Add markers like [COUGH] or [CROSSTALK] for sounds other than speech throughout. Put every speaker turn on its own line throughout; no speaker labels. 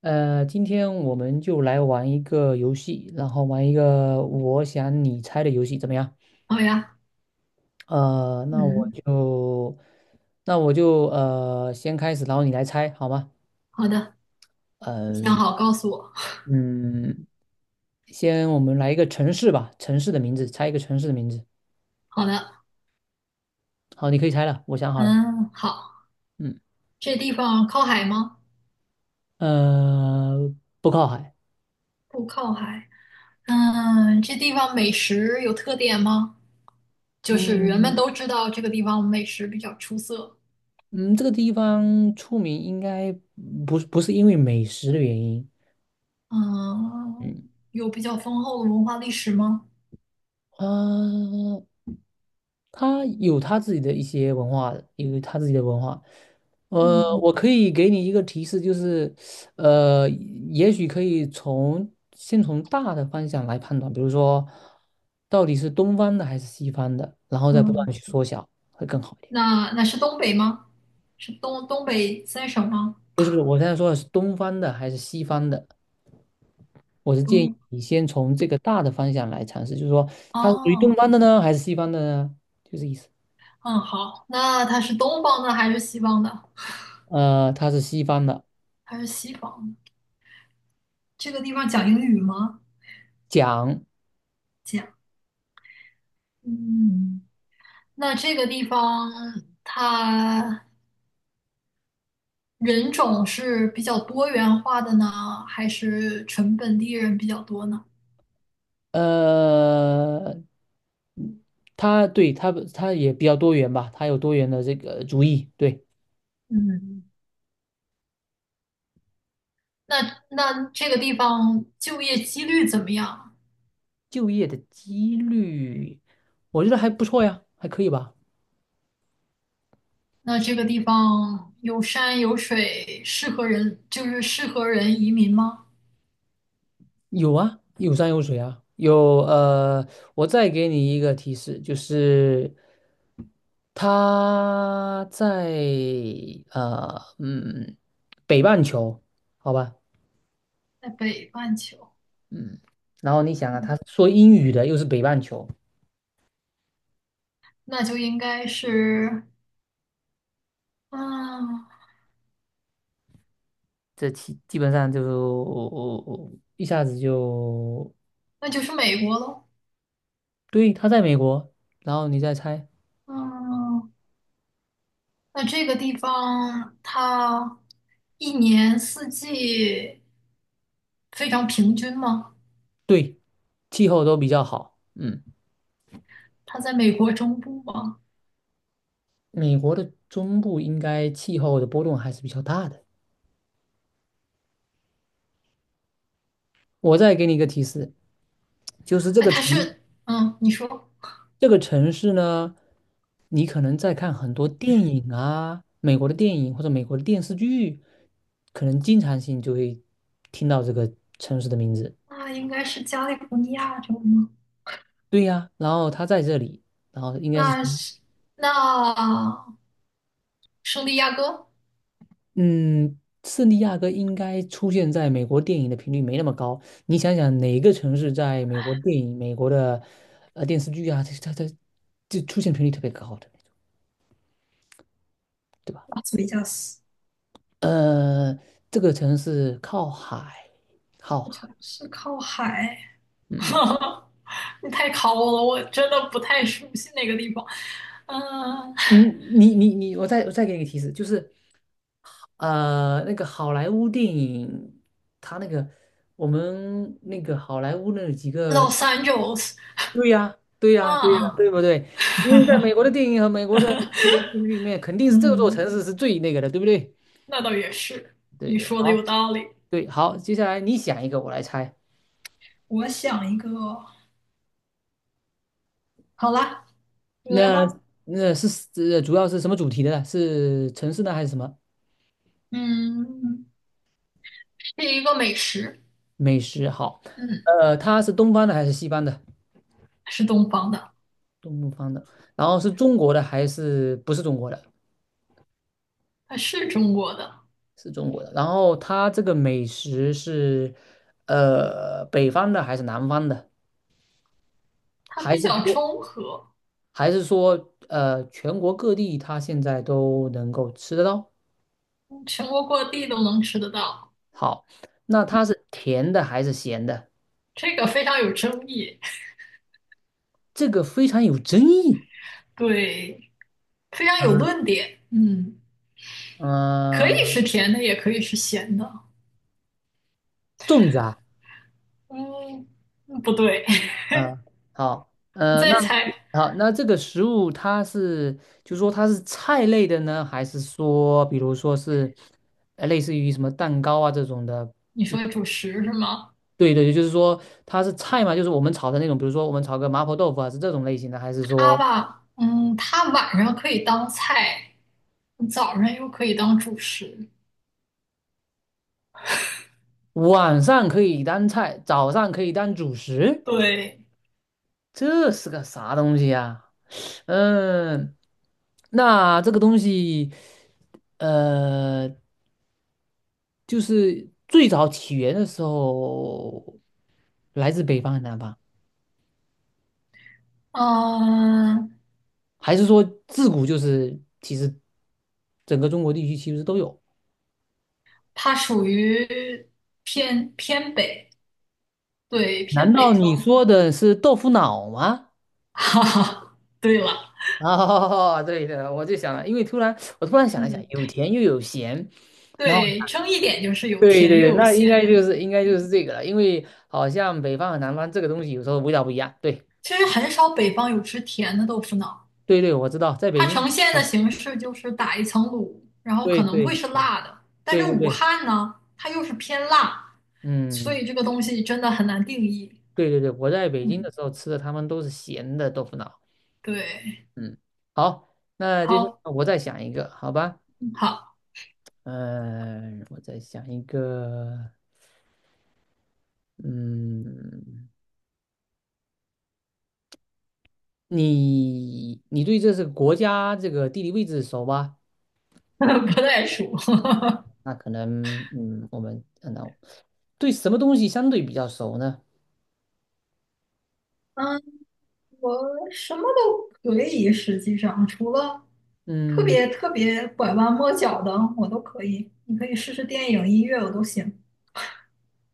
今天我们就来玩一个游戏，然后玩一个我想你猜的游戏，怎么样？
好呀。
呃，那我
嗯。
就，那我就先开始，然后你来猜，好吗？
好的，你想
呃，
好告诉我。
嗯。先我们来一个城市吧，城市的名字，猜一个城市的名字。
好的。
好，你可以猜了，我想好了。
嗯，好。
嗯。
这地方靠海吗？
呃，不靠海。
不靠海。嗯，这地方美食有特点吗？就是人
嗯
们都知道这个地方美食比较出色。
嗯。这个地方出名应该不是因为美食的原因。
嗯，
嗯。
有比较丰厚的文化历史吗？
啊，他有他自己的一些文化，有他自己的文化。
嗯
我可以给你一个提示，就是，呃，也许可以先从大的方向来判断，比如说，到底是东方的还是西方的，然后再不断
嗯，
的去缩小，会更好一点。
那是东北吗？是东北三省吗？
不是，我现在说的是东方的还是西方的，我是建议
东，
你先从这个大的方向来尝试，就是说，它是属于东
哦，
方的呢，还是西方的呢？就这意思。
嗯，好。那它是东方的还是西方的？
它是西方的。
还是西方的。这个地方讲英语吗？
讲。
这样，嗯，那这个地方它人种是比较多元化的呢，还是纯本地人比较多呢？
呃，它它也比较多元吧，它有多元的这个主意。对。
嗯，那那这个地方就业几率怎么样？
就业的几率，我觉得还不错呀，还可以吧。
那这个地方有山有水，适合人，就是适合人移民吗？
有啊，有山有水啊，有我再给你一个提示，就是他在呃嗯北半球，好吧。
在北半球，
嗯。然后你想啊，
嗯，
他说英语的又是北半球，
那就应该是，啊，
这基本上就我一下子就
那就是美国喽。
对，他在美国，然后你再猜。
嗯。那这个地方它一年四季非常平均吗？
对，气候都比较好。嗯。
它在美国中部吗？
美国的中部应该气候的波动还是比较大的。我再给你一个提示，就是
哎，它是，嗯，你说，
这个城市呢，你可能在看很多电影啊，美国的电影或者美国的电视剧，可能经常性就会听到这个城市的名字。
那应该是加利福尼亚州吗？
对呀，然后他在这里，然后应该是。
那是那圣地亚哥，
嗯。圣地亚哥应该出现在美国电影的频率没那么高。你想想，哪个城市在美国电影、美国的电视剧啊，它就出现频率特别高的，对吧？
拉斯维加斯
呃，这个城市靠海，
这
靠
个
海。
城市靠海，[LAUGHS]
嗯。
你太考我了，我真的不太熟悉那个地方。嗯
你你你你，我再给你个提示，就是那个好莱坞电影，它那个我们那个好莱坞那几
，Los
个
Angeles
对呀，对呀，对呀，
啊。
对不对？因为在美国的电影和美国的这些电视剧里面，肯定是这座
嗯。
城市是最那个的，对不对？
那倒也是，
对
你
对，
说的有
好，
道理。
对好，接下来你想一个，我来猜。
我想一个，好啦，你来
那
吧。
那是主要是什么主题的呢？是城市呢，还是什么
嗯，是一个美食。
美食？好，
嗯，
它是东方的还是西方的？
是东方的。
东方的，然后是中国的还是不是中国的？
它是中国的。
是中国的。然后它这个美食是北方的还是南方的？
它
还
比
是
较
说？
中和，
还是说全国各地它现在都能够吃得到？
全国各地都能吃得到。
好，那它是甜的还是咸的？
这个非常有争议。
这个非常有争议。
对，非常有
嗯
论点。嗯，可以
嗯。
是甜的，也可以是咸的。
粽子啊。
嗯，不对。
嗯。好，
[LAUGHS] 你再猜。
好，那这个食物它是，就说它是菜类的呢，还是说，比如说是，类似于什么蛋糕啊这种的？
你
就
说主
是
食是吗？
对对，就是说它是菜嘛，就是我们炒的那种，比如说我们炒个麻婆豆腐啊，是这种类型的，还是
它
说？
吧，嗯，它晚上可以当菜，早上又可以当主食。
晚上可以当菜，早上可以当主食，
对。
这是个啥东西呀？嗯。那这个东西，呃，就是最早起源的时候，来自北方还是南方，
嗯，
还是说自古就是其实整个中国地区其实都有？
它属于偏北，对，
难
偏
道
北
你
方。
说的是豆腐脑吗？
[LAUGHS] 哈哈，对了。
[LAUGHS] 哦，对的，我就想了，因为我突然想了想，
嗯，
有甜又有咸。然后。
对，争一点就是有
对
甜
对
又
对，
有
那应该
咸。
就是应该就是这个了，因为好像北方和南方这个东西有时候味道不一样。对
其实很少北方有吃甜的豆腐脑，
对对，我知道，在北
它
京
呈现的
啊，
形式就是打一层卤，然后
对
可能会
对
是辣的，但是
对对
武
对。
汉呢，它又是偏辣，所
嗯。
以这个东西真的很难定义。
对对对，我在北京的
嗯，
时候吃的他们都是咸的豆腐脑。
对。
嗯。好，那接下
好，
来我再想一个，好吧？
好，
嗯、我再想一个。嗯。你对这是国家这个地理位置熟吧？
[LAUGHS] 不太熟。
那可能，我们那对什么东西相对比较熟呢？
嗯，我什么都可以，实际上除了特
嗯
别特别拐弯抹角的，我都可以。你可以试试电影、音乐，我都行。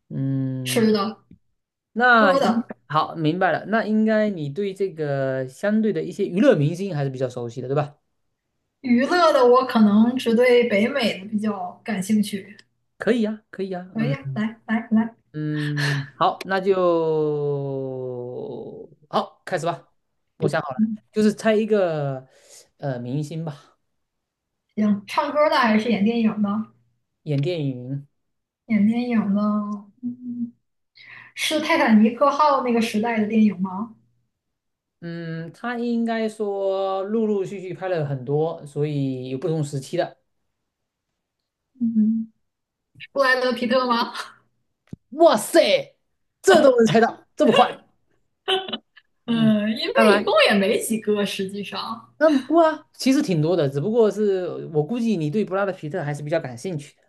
嗯。
吃的、
那
喝
应
的、
好，明白了。那应该你对这个相对的一些娱乐明星还是比较熟悉的，对吧？
娱乐的，我可能只对北美的比较感兴趣。
可以呀，可以呀。
可以
嗯
呀，来来来。
嗯。好，那就好，开始吧。我想好了，
嗯，
就是猜一个明星吧，
行，唱歌的还是演电影的？
演电影。
演电影的。嗯，是《泰坦尼克号》那个时代的电影吗？
嗯。他应该说陆陆续续拍了很多，所以有不同时期的。
嗯，布莱德皮特吗？
哇塞，这都能猜到，这么快？嗯，
嗯，因
看
为
来。
一共也没几个，实际上。
嗯。不啊，其实挺多的，只不过是我估计你对布拉德皮特还是比较感兴趣的。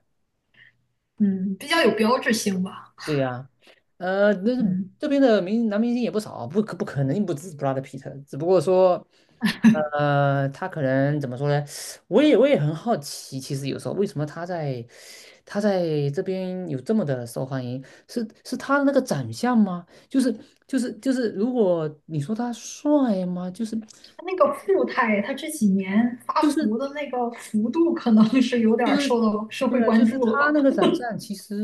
嗯，比较有标志性吧。
对呀、那
嗯，
这边的明男明星也不少，不可能不止布拉德皮特，只不过说，他可能怎么说呢？我也很好奇，其实有时候为什么他在这边有这么的受欢迎？是他的那个长相吗？就是，如果你说他帅吗？就是
他那个富态，他这几年发
就是。
福的那个幅度，可能是有点儿受到社
对
会
啊，就
关
是
注了
他
吧？
那个长相，其实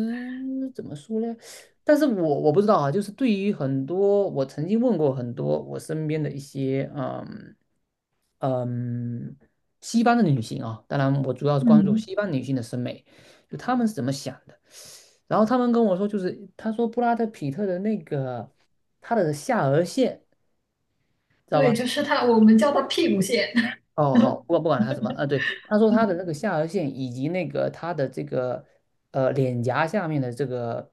怎么说呢？但是我不知道啊，就是对于很多我曾经问过很多我身边的一些嗯西方的女性啊，当然我主要是关注
嗯，
西方女性的审美，就她们是怎么想的。然后她们跟我说，就是她说布拉德皮特的那个他的下颌线，知道
对，
吧？
就是他，我们叫他屁股蟹。
哦，好，
[LAUGHS]
不管他什么，对，他说他的那个下颌线以及那个他的这个脸颊下面的这个，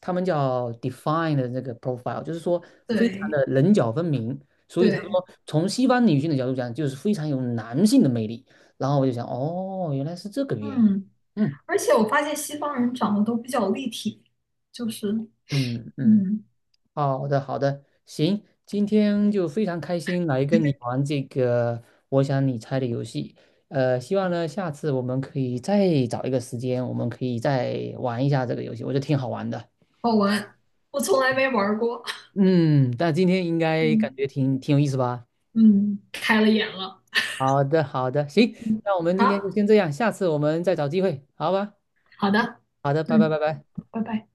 他们叫 d e f i n e 的这个 profile,就是说非常
对
的棱角分明，所以他说
对。
从西方女性的角度讲，就是非常有男性的魅力。然后我就想，哦，原来是这个原因。
嗯。
嗯
而且我发现西方人长得都比较立体，就是
嗯嗯。
嗯。
好的，好的，行，今天就非常开心来跟你
[LAUGHS]
玩这个我想你猜的游戏。希望呢下次我们可以再找一个时间，我们可以再玩一下这个游戏，我觉得挺好玩的。
好玩，我从来没玩儿过。
嗯。但今天应
[LAUGHS]，
该感觉
嗯
挺有意思吧？
嗯，开了眼了。
好的，好的，行，
嗯，
那我们今天就
好
先这样，下次我们再找机会，好吧？
好的。
好的，拜拜，
嗯，
拜拜。
拜拜。